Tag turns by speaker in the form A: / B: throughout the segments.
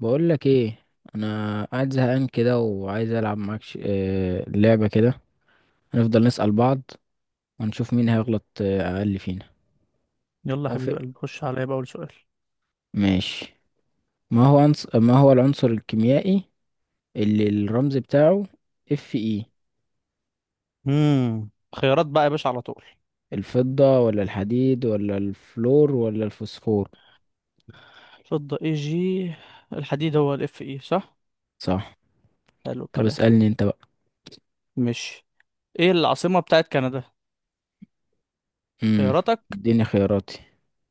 A: بقول لك ايه؟ انا قاعد زهقان كده وعايز العب معاك لعبه كده. هنفضل نسال بعض ونشوف مين هيغلط اقل فينا.
B: يلا حبيب
A: موافق.
B: قلبي خش عليا بقى اول سؤال.
A: ماشي. ما هو العنصر الكيميائي اللي الرمز بتاعه اف اي؟
B: امم خيارات بقى يا باشا على طول.
A: الفضه ولا الحديد ولا الفلور ولا الفوسفور؟
B: فضة اي جي. الحديد هو الاف اي، صح؟
A: صح.
B: حلو
A: طب
B: الكلام.
A: اسالني انت بقى.
B: ماشي، ايه العاصمة بتاعت كندا؟
A: امم
B: خياراتك.
A: اديني خياراتي.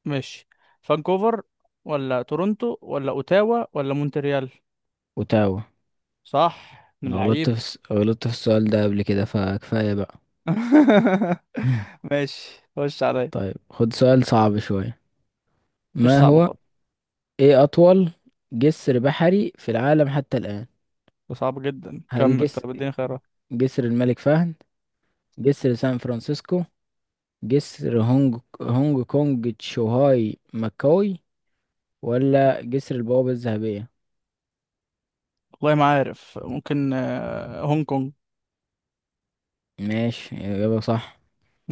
B: ماشي، فانكوفر ولا تورونتو ولا اوتاوا ولا مونتريال؟
A: وتاوه.
B: صح من
A: ما غلطت في
B: اللعيب.
A: الس- غلطت في السؤال ده قبل كده فكفايه بقى.
B: ماشي، خش عليا.
A: طيب خد سؤال صعب شويه.
B: مفيش
A: ما
B: صعبة
A: هو
B: خالص.
A: ايه اطول جسر بحري في العالم حتى الان؟
B: ده صعب جدا،
A: هل
B: كمل،
A: جس...
B: طب اديني خيارات.
A: جسر الملك فهد، جسر سان فرانسيسكو، جسر هونج هونج كونج تشوهاي ماكاوي، ولا جسر البوابة الذهبية؟
B: والله ما عارف، ممكن هونج كونج.
A: ماشي، اجابة صح.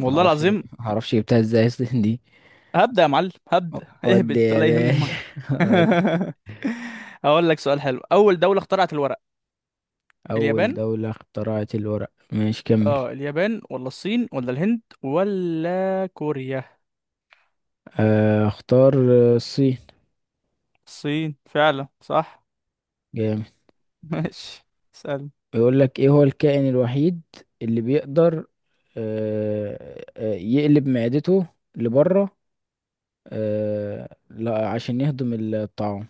B: والله
A: جب-
B: العظيم
A: معرفش جبتها ازاي اصلا دي.
B: هبدأ يا معلم، هبدأ
A: ودي
B: اهبد
A: يا
B: ولا يهمك.
A: باشا ودي.
B: هقول لك سؤال حلو. أول دولة اخترعت الورق؟
A: اول
B: اليابان.
A: دولة اخترعت الورق؟ ماشي كمل.
B: اه، اليابان ولا الصين ولا الهند ولا كوريا؟
A: اختار. الصين.
B: الصين فعلا، صح؟
A: جامد.
B: ماشي، اسأل.
A: بيقول لك ايه هو الكائن الوحيد اللي بيقدر يقلب معدته لبره عشان يهضم الطعام.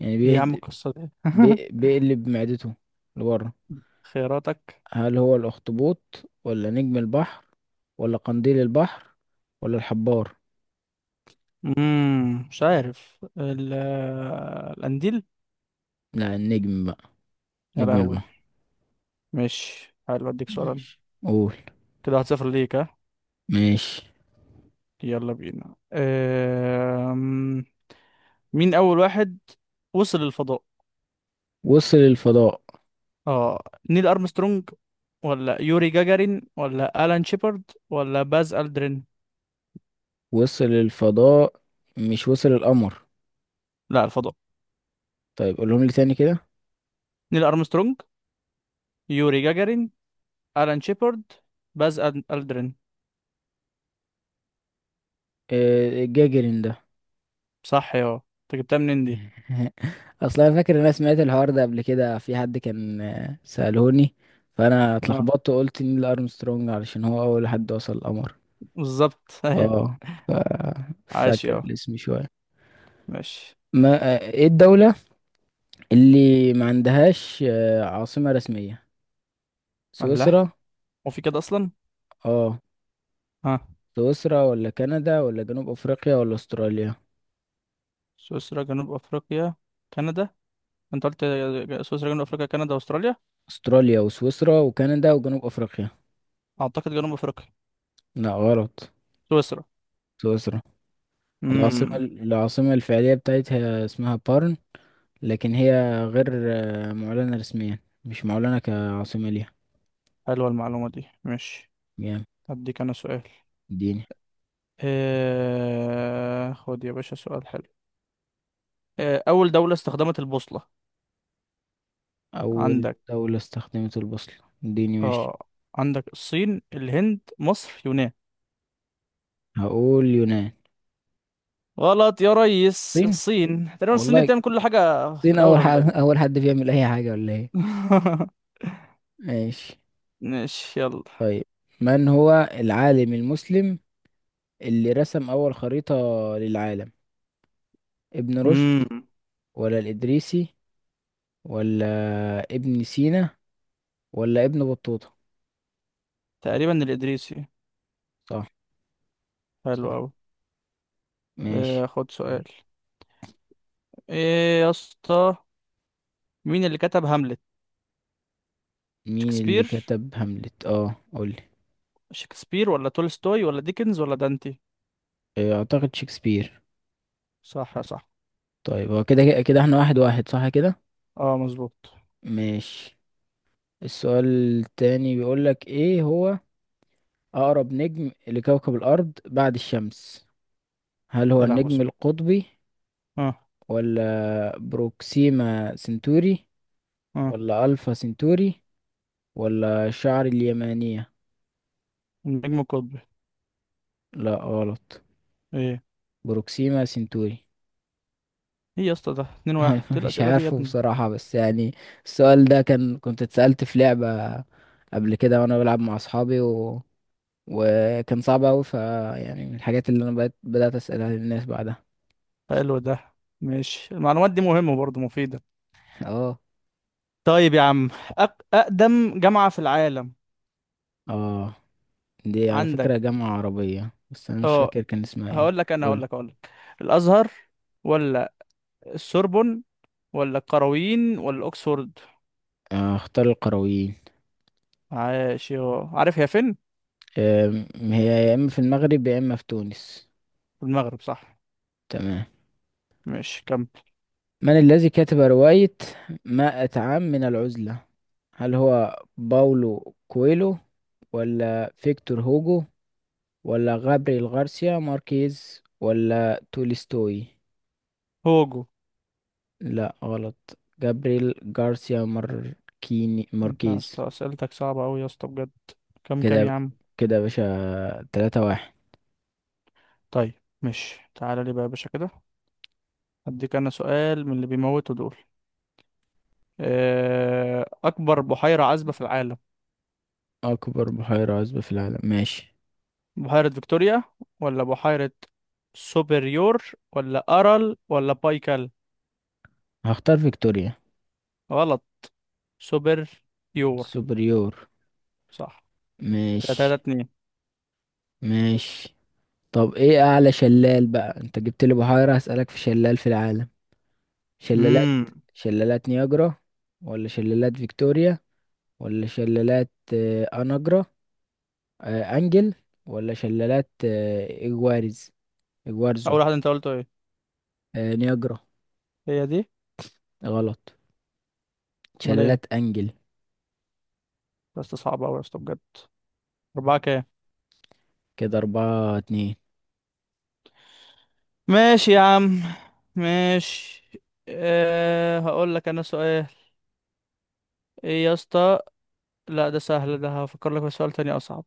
A: يعني
B: ايه يا عم
A: بيهد...
B: القصة دي؟
A: بيقلب معدته لبره.
B: خياراتك.
A: هل هو الاخطبوط، ولا نجم البحر، ولا قنديل البحر، ولا الحبار؟
B: مش عارف، القنديل.
A: لا، النجم بقى.
B: يا
A: نجم
B: لهوي.
A: البحر.
B: ماشي، حلو، اديك سؤال أنا.
A: ماشي. قول.
B: كده واحد صفر ليك، ها.
A: ماشي.
B: يلا بينا. مين أول واحد وصل للفضاء؟
A: وصل الفضاء.
B: اه، نيل ارمسترونج ولا يوري جاجارين ولا الان شيبرد ولا باز الدرين؟
A: وصل الفضاء، مش وصل القمر.
B: لا، الفضاء.
A: طيب قولهم لي تاني كده.
B: نيل ارمسترونج، يوري جاجارين، الان شيبرد، باز الدرين.
A: الجاجرين ده.
B: صح يا، انت جبتها منين دي؟
A: اصل انا فاكر ان انا سمعت الحوار ده قبل كده، في حد كان سالهوني، فانا
B: اه،
A: اتلخبطت وقلت نيل ارمسترونج علشان هو اول حد وصل القمر.
B: بالظبط. ايوه.
A: اه. ف...
B: عاش
A: فاكر
B: يا.
A: الاسم شويه.
B: ماشي.
A: ما آه، ايه الدوله اللي ما عندهاش عاصمه رسميه؟ سويسرا.
B: الله، هو في كده اصلا؟
A: اه.
B: ها.
A: سويسرا ولا كندا ولا جنوب افريقيا ولا استراليا؟
B: سويسرا، جنوب افريقيا، كندا. انت قلت سويسرا، جنوب افريقيا، كندا، استراليا.
A: استراليا وسويسرا وكندا وجنوب افريقيا.
B: اعتقد جنوب افريقيا.
A: لا غلط.
B: سويسرا.
A: سويسرا. العاصمة
B: امم
A: العاصمة الفعلية بتاعتها اسمها بارن، لكن هي غير معلنة رسميا، مش معلنة كعاصمة ليها.
B: حلوه المعلومه دي، ماشي.
A: جامد.
B: هديك انا سؤال.
A: اديني.
B: آه، خد يا باشا سؤال حلو. آه، أول دولة استخدمت البوصلة.
A: أول
B: عندك.
A: دولة استخدمت البوصلة. اديني، ماشي.
B: اه، عندك الصين، الهند، مصر، يونان.
A: هقول يونان.
B: غلط يا ريس،
A: الصين؟
B: الصين، تقريبا الصين دي
A: والله
B: بتعمل كل حاجة. في
A: الصين
B: الأول
A: أول
B: ولا
A: حد
B: إيه؟
A: أول حد بيعمل أي حاجة ولا إيه؟ ماشي.
B: ماشي، يلا.
A: من هو العالم المسلم اللي رسم أول خريطة للعالم؟ ابن رشد،
B: امم
A: ولا الإدريسي، ولا ابن سينا، ولا ابن بطوطة؟
B: تقريبا الإدريسي.
A: صح.
B: حلو
A: صح.
B: أوي.
A: ماشي.
B: آه، خد سؤال. إيه يا اسطى؟ مين اللي كتب هاملت؟
A: مين اللي
B: شكسبير.
A: كتب هاملت؟ اه قولي.
B: شكسبير ولا تولستوي ولا ديكنز ولا دانتي؟
A: اعتقد شكسبير.
B: صح يا، صح.
A: طيب هو كده كده احنا 1-1 صح كده.
B: اه، مظبوط.
A: ماشي. السؤال التاني بيقولك ايه هو اقرب نجم لكوكب الارض بعد الشمس؟ هل هو
B: يا لهوي.
A: النجم القطبي،
B: اه.
A: ولا بروكسيما سنتوري،
B: اه،
A: ولا الفا سنتوري، ولا شعر اليمانية؟
B: النجم القطبي.
A: لا غلط.
B: ايه
A: بروكسيما سنتوري.
B: ايه يا اسطى، ده اتنين واحد، ايه
A: مش
B: الاسئله دي يا
A: عارفه
B: ابني؟
A: بصراحة بس يعني السؤال ده كان كنت اتسألت في لعبة قبل كده وانا بلعب مع اصحابي وكان صعب اوي، ف يعني من الحاجات اللي انا بقيت بدأت اسألها للناس بعدها.
B: حلو ده. ماشي، المعلومات دي مهمه برضه، مفيده.
A: اه.
B: طيب يا عم، اقدم جامعه في العالم؟
A: اه. دي على
B: عندك.
A: فكرة جامعة عربية بس انا مش
B: اه،
A: فاكر كان اسمها ايه.
B: هقول لك انا، هقول
A: قول.
B: لك هقول لك الازهر ولا السوربون ولا القرويين ولا اوكسفورد؟
A: اختار القرويين.
B: عاش يا، عارف هي فين؟
A: هي يا اما في المغرب يا اما في تونس.
B: في المغرب، صح.
A: تمام.
B: ماشي، كمل.
A: من الذي كتب رواية مائة عام من العزلة؟ هل هو باولو كويلو، ولا فيكتور هوجو، ولا غابريل غارسيا ماركيز، ولا تولستوي؟
B: هوجو.
A: لا غلط. جابريل غارسيا ماركيني
B: انت يا
A: ماركيز.
B: اسطى اسئلتك صعبه قوي يا اسطى، بجد. كم يا
A: كده
B: عم؟
A: كده يا باشا 3-1.
B: طيب، ماشي، تعالى لي بقى يا باشا كده، هديك انا سؤال من اللي بيموتوا دول. أكبر بحيرة عذبة في العالم.
A: أكبر بحيرة عذبة في العالم، ماشي.
B: بحيرة فيكتوريا ولا بحيرة سوبريور ولا أرل ولا بايكال؟
A: هختار فيكتوريا.
B: غلط. سوبريور.
A: سوبريور.
B: صح. كده تلاتة
A: ماشي.
B: اتنين.
A: ماشي. طب ايه اعلى شلال بقى؟ انت جبت لي بحيرة، هسألك في شلال في العالم. شلالات.
B: امم
A: شلالات نياجرا، ولا شلالات فيكتوريا، ولا شلالات اناجرا، انجل، ولا شلالات اجوارزو.
B: أول واحد أنت قلته إيه؟
A: نياجرا.
B: هي دي.
A: غلط.
B: أمال إيه؟
A: شلالات انجل.
B: بس صعبة أوي يا اسطى، بجد. أربعة كام؟
A: كده 4-2.
B: ماشي يا عم، ماشي. أه، هقول لك أنا سؤال. إيه يا اسطى؟ لا، ده سهل، ده هفكر لك في سؤال تاني أصعب.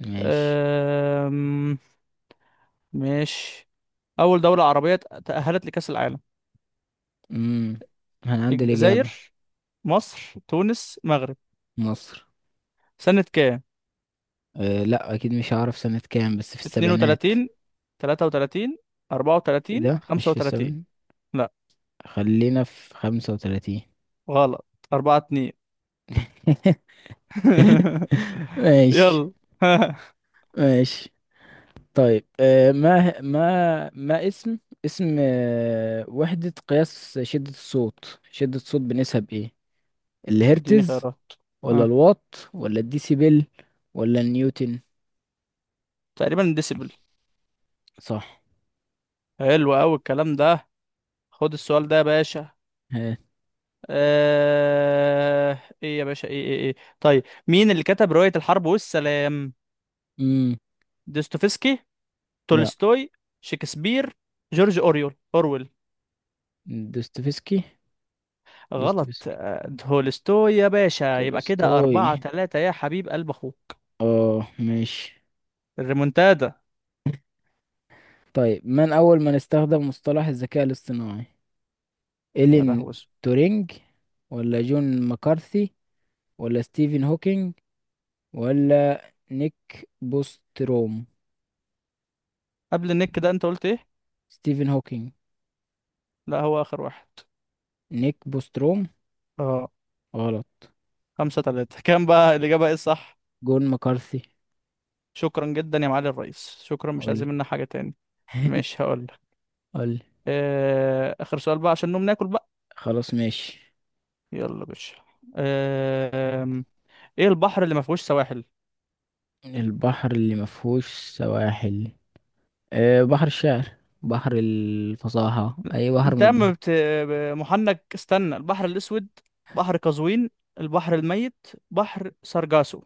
A: ماشي.
B: أه، ماشي. أول دولة عربية تأهلت لكأس العالم؟
A: امم انا عندي
B: الجزائر،
A: الاجابة.
B: مصر، تونس، مغرب.
A: مصر.
B: سنة كام؟
A: أه لا اكيد مش هعرف سنة كام، بس في السبعينات.
B: 32، 33،
A: إيه
B: 34،
A: ده مش في
B: 35.
A: السبعينات؟
B: لا،
A: خلينا في 35.
B: غلط. 4-2.
A: ماشي.
B: يلا.
A: ماشي. طيب ما اسم وحدة قياس شدة الصوت، شدة الصوت بنقيسها بإيه؟
B: اديني
A: الهرتز،
B: خيارات.
A: ولا
B: اه،
A: الوات، ولا الديسيبل، ولا النيوتن؟
B: تقريبا ديسيبل.
A: صح.
B: حلو قوي الكلام ده. خد السؤال ده يا باشا.
A: ها.
B: آه، ايه يا باشا، ايه طيب مين اللي كتب رواية الحرب والسلام؟
A: امم
B: دوستويفسكي،
A: لا
B: تولستوي، شكسبير، جورج أورويل.
A: دوستويفسكي.
B: غلط.
A: دوستويفسكي.
B: تولستوي يا باشا، يبقى كده
A: تولستوي.
B: أربعة تلاتة يا حبيب قلب أخوه.
A: اه ماشي.
B: الريمونتادا.
A: طيب من أول من استخدم مصطلح الذكاء الاصطناعي؟
B: يا
A: إلين
B: لهوي.
A: تورينج، ولا جون مكارثي، ولا ستيفن هوكينج، ولا نيك بوستروم؟
B: قبل النك ده أنت قلت إيه؟
A: ستيفن هوكينج.
B: لا، هو آخر واحد.
A: نيك بوستروم.
B: أه.
A: غلط.
B: خمسة تلاتة، كام بقى؟ الإجابة إيه الصح؟
A: جون مكارثي.
B: شكرا جدا يا معالي الرئيس، شكرا، مش
A: قول.
B: عايزين منا حاجة تاني. مش هقول لك.
A: قول.
B: آخر سؤال بقى عشان نقوم ناكل بقى.
A: خلاص ماشي.
B: يلا يا باشا. آه، إيه البحر اللي ما فيهوش سواحل؟
A: البحر اللي مفهوش سواحل. أه بحر الشعر، بحر الفصاحة، أي بحر
B: انت
A: من
B: اما
A: البحر.
B: محنك، استنى. البحر الاسود، بحر قزوين، البحر الميت، بحر سرجاسو.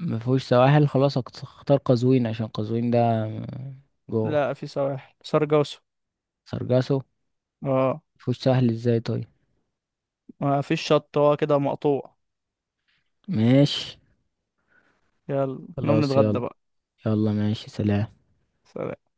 A: مفهوش سواحل خلاص. اختار قزوين عشان قزوين ده جوه.
B: لا، في سواحل سرجاسو.
A: سرجاسو.
B: اه.
A: مفهوش سواحل ازاي طيب؟
B: ما فيش شط، هو كده مقطوع.
A: ماشي.
B: يلا نقوم
A: خلاص
B: نتغدى
A: يلا.
B: بقى.
A: يلا ماشي، سلام.
B: سلام.